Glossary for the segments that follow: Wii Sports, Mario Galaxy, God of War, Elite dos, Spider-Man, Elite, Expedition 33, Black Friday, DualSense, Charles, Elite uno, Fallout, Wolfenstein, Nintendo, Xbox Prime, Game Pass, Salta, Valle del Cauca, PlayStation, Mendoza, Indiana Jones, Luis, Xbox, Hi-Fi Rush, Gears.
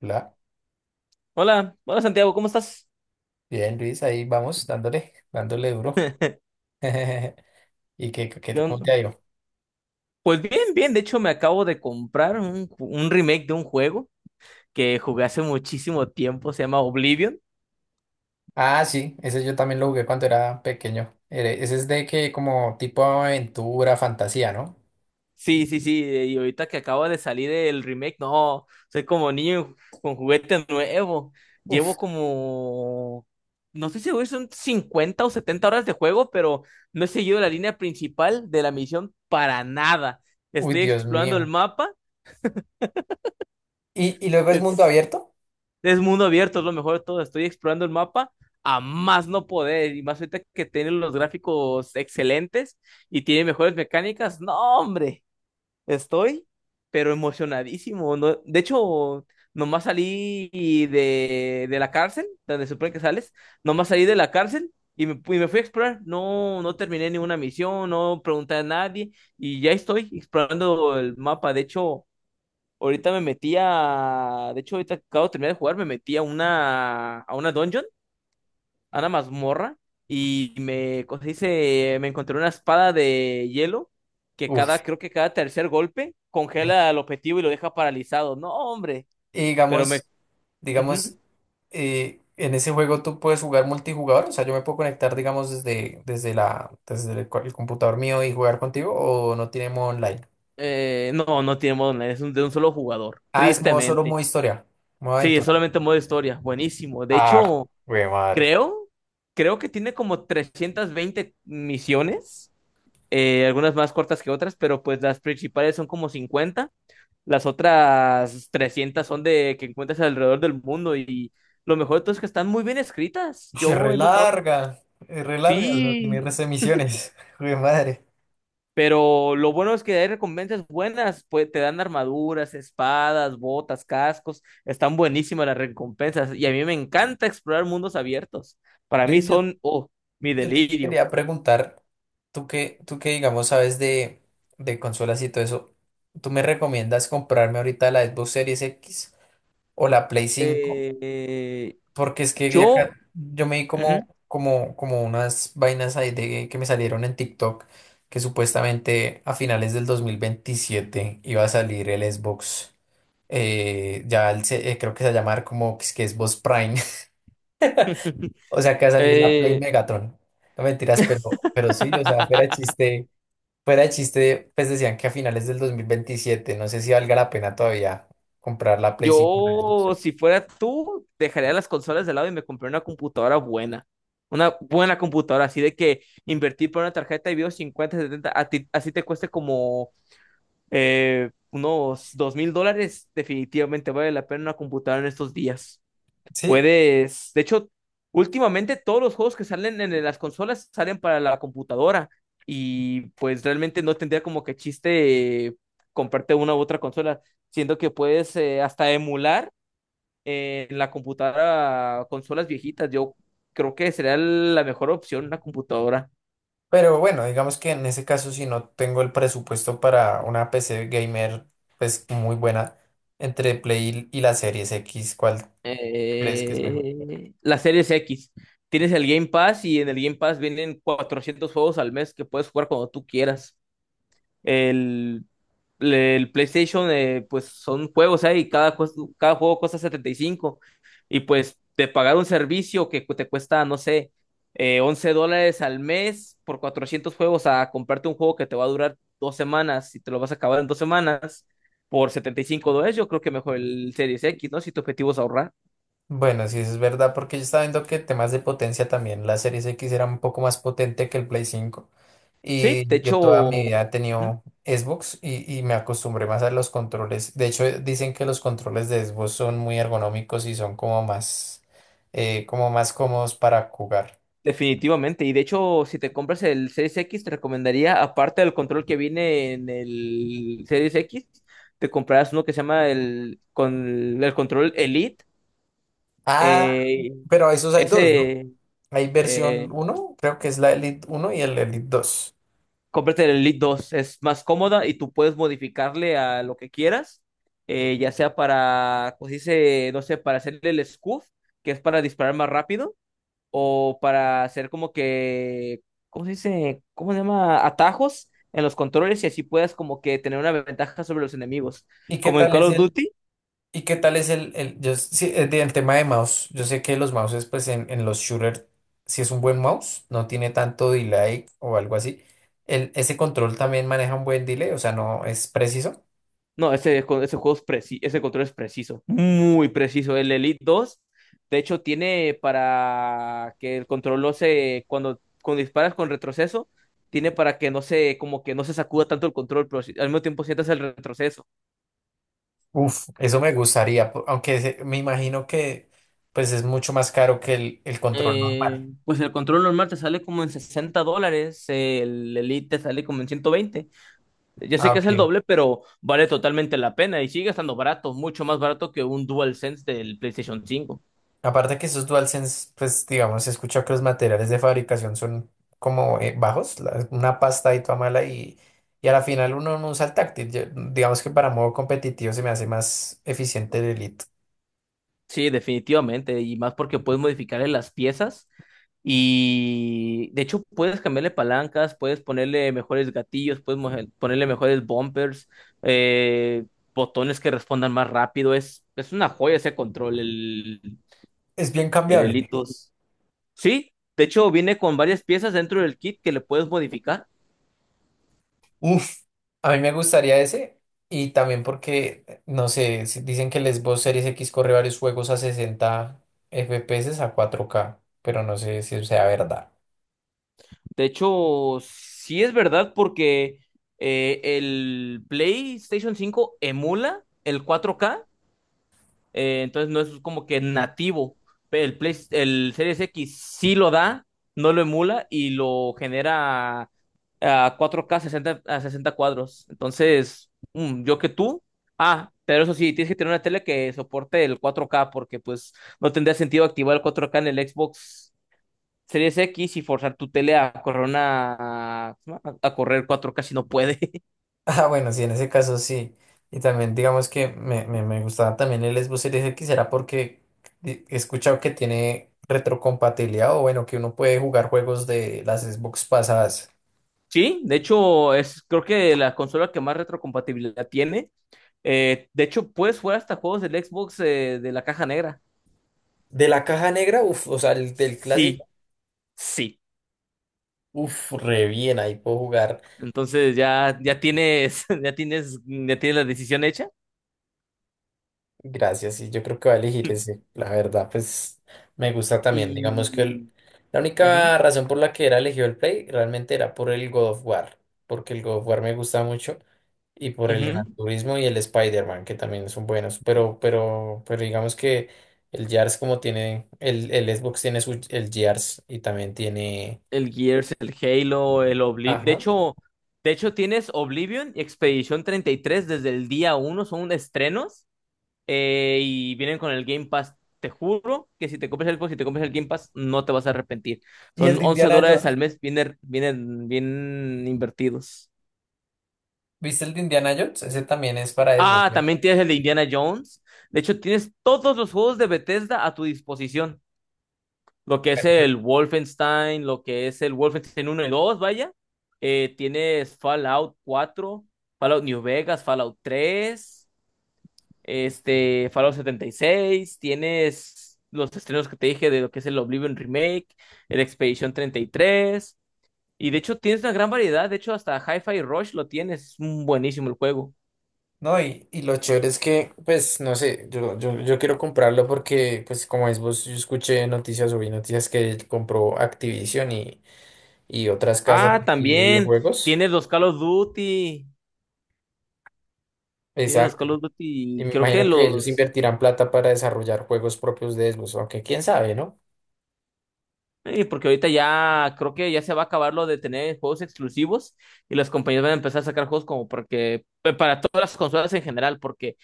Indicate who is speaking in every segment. Speaker 1: La.
Speaker 2: Hola, hola Santiago, ¿cómo estás?
Speaker 1: Bien, Luis, ahí vamos, dándole duro. ¿Y cómo
Speaker 2: Yo-
Speaker 1: te ha ido?
Speaker 2: Pues bien, bien, de hecho me acabo de comprar un remake de un juego que jugué hace muchísimo tiempo, se llama Oblivion.
Speaker 1: Ah, sí, ese yo también lo jugué cuando era pequeño. Ese es de que como tipo aventura, fantasía, ¿no?
Speaker 2: Sí, sí, sí, y ahorita que acaba de salir el remake, no, soy como niño con juguete nuevo.
Speaker 1: Uf,
Speaker 2: Llevo como, no estoy seguro si son 50 o 70 horas de juego, pero no he seguido la línea principal de la misión para nada.
Speaker 1: uy,
Speaker 2: Estoy
Speaker 1: Dios
Speaker 2: explorando el
Speaker 1: mío.
Speaker 2: mapa.
Speaker 1: ¿Y luego es mundo
Speaker 2: Es
Speaker 1: abierto?
Speaker 2: Es mundo abierto, es lo mejor de todo. Estoy explorando el mapa a más no poder. Y más ahorita que tiene los gráficos excelentes y tiene mejores mecánicas. No, hombre, estoy, pero emocionadísimo. De hecho, nomás salí de la cárcel, donde se supone que sales. Nomás salí de la cárcel y me fui a explorar. No, no terminé ninguna misión, no pregunté a nadie. Y ya estoy explorando el mapa. De hecho. Ahorita me metí a. De hecho, ahorita acabo de terminar de jugar, me metí a una. A una dungeon, a una mazmorra. Y me, ¿cómo se dice? Me encontré una espada de hielo que
Speaker 1: Uf.
Speaker 2: creo que cada tercer golpe congela al objetivo y lo deja paralizado. No, hombre.
Speaker 1: Y
Speaker 2: Pero me.
Speaker 1: digamos, digamos,
Speaker 2: Ujú.
Speaker 1: eh, en ese juego tú puedes jugar multijugador, o sea, yo me puedo conectar, digamos, desde la, desde el computador mío y jugar contigo, o no tiene modo online.
Speaker 2: No, no tiene modo online, es de un solo jugador.
Speaker 1: Ah, es modo solo
Speaker 2: Tristemente.
Speaker 1: modo historia, modo
Speaker 2: Sí, es
Speaker 1: aventura.
Speaker 2: solamente modo historia. Buenísimo. De
Speaker 1: Ah,
Speaker 2: hecho,
Speaker 1: güey, madre.
Speaker 2: creo, creo que tiene como 320 misiones. Algunas más cortas que otras, pero pues las principales son como 50, las otras 300 son de que encuentras alrededor del mundo, y lo mejor de todo es que están muy bien escritas,
Speaker 1: Se
Speaker 2: yo he notado,
Speaker 1: relarga, es relarga, o sea, tiene
Speaker 2: sí,
Speaker 1: res emisiones. Jue madre.
Speaker 2: pero lo bueno es que hay recompensas buenas, pues te dan armaduras, espadas, botas, cascos, están buenísimas las recompensas y a mí me encanta explorar mundos abiertos, para mí
Speaker 1: Yo,
Speaker 2: oh, mi
Speaker 1: yo te
Speaker 2: delirio.
Speaker 1: quería preguntar, tú que digamos sabes de consolas y todo eso, ¿tú me recomiendas comprarme ahorita la Xbox Series X o la Play cinco?
Speaker 2: Eh, eh,
Speaker 1: Porque es que
Speaker 2: yo...
Speaker 1: yo me di
Speaker 2: Ujú.
Speaker 1: como unas vainas ahí de, que me salieron en TikTok que supuestamente a finales del 2027 iba a salir el Xbox. Creo que se va a llamar como que es que Xbox Prime. O sea que va a salir la Play
Speaker 2: eh,
Speaker 1: Megatron. No mentiras, pero sí, o sea, fuera de chiste, pues decían que a finales del 2027 no sé si valga la pena todavía comprar la Play 5.
Speaker 2: Yo, si fuera tú, dejaría las consolas de lado y me compré una computadora buena. Una buena computadora, así de que invertir por una tarjeta de video 50 70 a así te cueste como unos $2,000, definitivamente vale la pena una computadora en estos días.
Speaker 1: Sí.
Speaker 2: Puedes, de hecho, últimamente todos los juegos que salen en las consolas salen para la computadora y pues realmente no tendría como que chiste comprarte una u otra consola, siendo que puedes hasta emular en la computadora, consolas viejitas, yo creo que sería la mejor opción una computadora.
Speaker 1: Pero bueno, digamos que en ese caso, si no tengo el presupuesto para una PC gamer, pues muy buena, entre Play y la Series X, ¿cuál crees que es mejor?
Speaker 2: La Series X. Tienes el Game Pass y en el Game Pass vienen 400 juegos al mes que puedes jugar cuando tú quieras. El, el PlayStation, pues son juegos ahí, cada juego cuesta 75, y pues de pagar un servicio que te cuesta, no sé, $11 al mes por 400 juegos, a comprarte un juego que te va a durar dos semanas y te lo vas a acabar en dos semanas por $75, yo creo que mejor el Series X, ¿no? Si tu objetivo es ahorrar.
Speaker 1: Bueno, sí, eso es verdad, porque yo estaba viendo que temas de potencia también, la Series X era un poco más potente que el Play cinco.
Speaker 2: Sí, de
Speaker 1: Y yo
Speaker 2: hecho,
Speaker 1: toda mi
Speaker 2: ujú.
Speaker 1: vida he tenido Xbox y me acostumbré más a los controles. De hecho, dicen que los controles de Xbox son muy ergonómicos y son como más cómodos para jugar.
Speaker 2: Definitivamente, y de hecho, si te compras el Series X, te recomendaría, aparte del control que viene en el Series X, te comprarás uno que se llama el control Elite.
Speaker 1: Ah,
Speaker 2: eh,
Speaker 1: pero esos hay dos, ¿no?
Speaker 2: ese,
Speaker 1: Hay versión
Speaker 2: eh,
Speaker 1: uno, creo que es la Elite uno y el Elite dos.
Speaker 2: cómprate el Elite dos, es más cómoda y tú puedes modificarle a lo que quieras, ya sea para, pues dice, no sé, para hacerle el scuff, que es para disparar más rápido, o para hacer como que, ¿cómo se dice? ¿Cómo se llama? Atajos en los controles y así puedas como que tener una ventaja sobre los enemigos.
Speaker 1: ¿Y qué
Speaker 2: Como en
Speaker 1: tal
Speaker 2: Call
Speaker 1: es
Speaker 2: of
Speaker 1: el,
Speaker 2: Duty,
Speaker 1: y qué tal es el, yo s- sí, el, de- el tema de mouse? Yo sé que los mouses, pues en los shooters, si es un buen mouse, no tiene tanto delay o algo así. El, ese control también maneja un buen delay, o sea, no es preciso.
Speaker 2: no, ese, co- ese juego es ese control es preciso, muy preciso. El Elite dos, de hecho, tiene para que el control no se, cuando disparas con retroceso, tiene para que no se, como que no se sacuda tanto el control, pero al mismo tiempo sientas el retroceso.
Speaker 1: Uf, eso me gustaría, me imagino que pues es mucho más caro que el control
Speaker 2: Eh,
Speaker 1: normal.
Speaker 2: pues el control normal te sale como en $60, el Elite te sale como en 120. Ya sé
Speaker 1: Ah,
Speaker 2: que es el
Speaker 1: ok.
Speaker 2: doble, pero vale totalmente la pena y sigue estando barato, mucho más barato que un DualSense del PlayStation cinco.
Speaker 1: Aparte que esos DualSense, pues digamos, he escuchado que los materiales de fabricación son como bajos, una pasta y toda mala y a la final uno no usa el táctil. Digamos que para modo competitivo se me hace más eficiente el Elite.
Speaker 2: Sí, definitivamente, y más porque puedes modificarle las piezas y de hecho puedes cambiarle palancas, puedes ponerle mejores gatillos, puedes ponerle mejores bumpers, eh, botones que respondan más rápido. Es una joya ese control,
Speaker 1: Es bien
Speaker 2: el Elite.
Speaker 1: cambiable.
Speaker 2: Sí, de hecho viene con varias piezas dentro del kit que le puedes modificar.
Speaker 1: Uf, a mí me gustaría ese y también porque, no sé, dicen que el Xbox Series X corre varios juegos a 60 FPS a 4K, pero no sé si sea verdad.
Speaker 2: De hecho, sí es verdad porque el PlayStation 5 emula el cuatro k. Entonces no es como que nativo. Pero el el Series X sí lo da, no lo emula y lo genera a cuatro k 60, a 60 cuadros. Entonces, mm, yo que tú. Ah, pero eso sí, tienes que tener una tele que soporte el cuatro k, porque pues no tendría sentido activar el cuatro k en el Xbox Series X y forzar tu tele a correr a, a correr cuatro k si no puede.
Speaker 1: Ah, bueno, sí, en ese caso sí. Y también digamos que me gustaba también el Xbox Series X, era porque he escuchado que tiene retrocompatibilidad o bueno, que uno puede jugar juegos de las Xbox pasadas.
Speaker 2: Sí, de hecho es creo que la consola que más retrocompatibilidad tiene. De hecho, puedes jugar hasta juegos del Xbox, de la caja negra.
Speaker 1: De la caja negra, uff, o sea, el, del clásico,
Speaker 2: Sí, sí.
Speaker 1: uff, re bien, ahí puedo jugar.
Speaker 2: Entonces ya tienes, ya tienes la decisión hecha.
Speaker 1: Gracias, y yo creo que va a elegir ese. La verdad, pues me gusta también. Digamos que
Speaker 2: Y
Speaker 1: la
Speaker 2: ujú,
Speaker 1: única razón por la que era elegido el Play realmente era por el God of War, porque el God of War me gusta mucho y por el
Speaker 2: ujú.
Speaker 1: Gran Turismo y el Spider-Man, que también son buenos, pero digamos que el Gears como tiene, el Xbox tiene su, el Gears y también tiene...
Speaker 2: El Gears, el Halo, el Oblivion.
Speaker 1: Ajá.
Speaker 2: De hecho, tienes Oblivion y Expedition 33 desde el día uno, son unos estrenos. Eh, y vienen con el Game Pass. Te juro que si te compras el Xbox y te compras el Game Pass, no te vas a arrepentir.
Speaker 1: ¿Y el
Speaker 2: Son
Speaker 1: de
Speaker 2: 11
Speaker 1: Indiana
Speaker 2: dólares
Speaker 1: Jones?
Speaker 2: al mes, vienen bien invertidos.
Speaker 1: ¿Viste el de Indiana Jones? Ese también es para Xbox.
Speaker 2: Ah, también tienes el de Indiana Jones. De hecho, tienes todos los juegos de Bethesda a tu disposición. Lo que es
Speaker 1: ¿Cierto?
Speaker 2: el Wolfenstein, lo que es el Wolfenstein uno y dos vaya. Tienes Fallout cuatro, Fallout New Vegas, Fallout tres, este, Fallout 76, tienes los estrenos que te dije de lo que es el Oblivion Remake, el Expedition 33, y tres, y de hecho tienes una gran variedad, de hecho hasta Hi-Fi Rush lo tienes, es un buenísimo el juego.
Speaker 1: No, y lo chévere es que, pues, no sé, yo quiero comprarlo porque, pues, como es vos, yo escuché noticias o vi noticias que él compró Activision y otras casas
Speaker 2: Ah,
Speaker 1: y de
Speaker 2: también
Speaker 1: videojuegos.
Speaker 2: tienes los Call of Duty, tienes los
Speaker 1: Exacto.
Speaker 2: Call of
Speaker 1: Y
Speaker 2: Duty,
Speaker 1: me
Speaker 2: creo que
Speaker 1: imagino que ellos
Speaker 2: los...
Speaker 1: invertirán plata para desarrollar juegos propios de Xbox, aunque quién sabe, ¿no?
Speaker 2: Y porque ahorita ya creo que ya se va a acabar lo de tener juegos exclusivos y las compañías van a empezar a sacar juegos como porque para todas las consolas en general, porque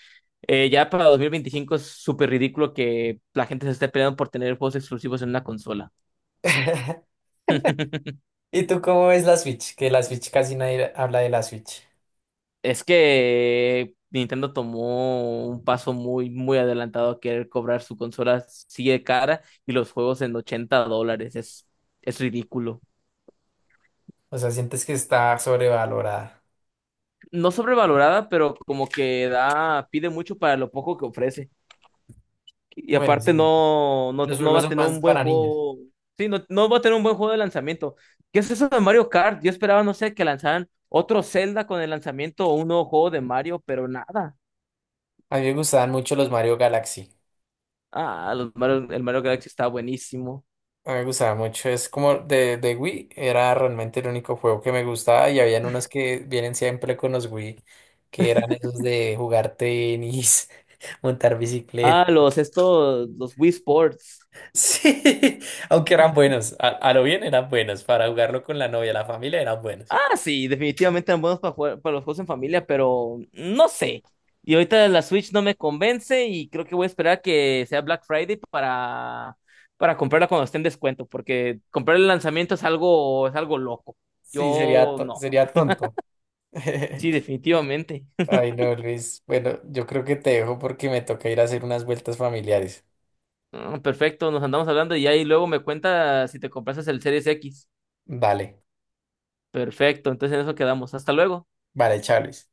Speaker 2: ya para 2025 es súper ridículo que la gente se esté peleando por tener juegos exclusivos en una consola.
Speaker 1: ¿Y tú cómo ves la Switch? Que la Switch casi nadie habla de la Switch.
Speaker 2: Es que Nintendo tomó un paso muy, muy adelantado a querer cobrar, su consola sigue cara y los juegos en $80. Es ridículo.
Speaker 1: O sea, sientes que está sobrevalorada.
Speaker 2: No sobrevalorada, pero como que da, pide mucho para lo poco que ofrece. Y
Speaker 1: Bueno,
Speaker 2: aparte
Speaker 1: sí,
Speaker 2: no,
Speaker 1: los
Speaker 2: no va
Speaker 1: juegos
Speaker 2: a
Speaker 1: son
Speaker 2: tener
Speaker 1: más
Speaker 2: un buen
Speaker 1: para niños.
Speaker 2: juego. Sí, no, va a tener un buen juego de lanzamiento. ¿Qué es eso de Mario Kart? Yo esperaba, no sé, que lanzaran otro Zelda con el lanzamiento o un nuevo juego de Mario, pero nada.
Speaker 1: A mí me gustaban mucho los Mario Galaxy.
Speaker 2: Ah, los el Mario Galaxy está buenísimo.
Speaker 1: A mí me gustaba mucho, es como de Wii, era realmente el único juego que me gustaba y habían unos que vienen siempre con los Wii, que eran esos de jugar tenis, montar bicicleta.
Speaker 2: Ah, los estos, los Wii Sports.
Speaker 1: Sí, aunque eran buenos, a lo bien eran buenos, para jugarlo con la novia, la familia eran buenos.
Speaker 2: Ah, sí, definitivamente eran buenos para jugar para los juegos en familia, pero no sé. Y ahorita la Switch no me convence y creo que voy a esperar que sea Black Friday para comprarla cuando esté en descuento, porque comprar el lanzamiento es algo loco.
Speaker 1: Sí, sería,
Speaker 2: Yo no.
Speaker 1: sería tonto.
Speaker 2: Sí, definitivamente.
Speaker 1: Ay, no, Luis. Bueno, yo creo que te dejo porque me toca ir a hacer unas vueltas familiares.
Speaker 2: Ah, perfecto, nos andamos hablando y ahí luego me cuenta si te compraste el Series X.
Speaker 1: Vale,
Speaker 2: Perfecto, entonces en eso quedamos. Hasta luego.
Speaker 1: vale, Charles.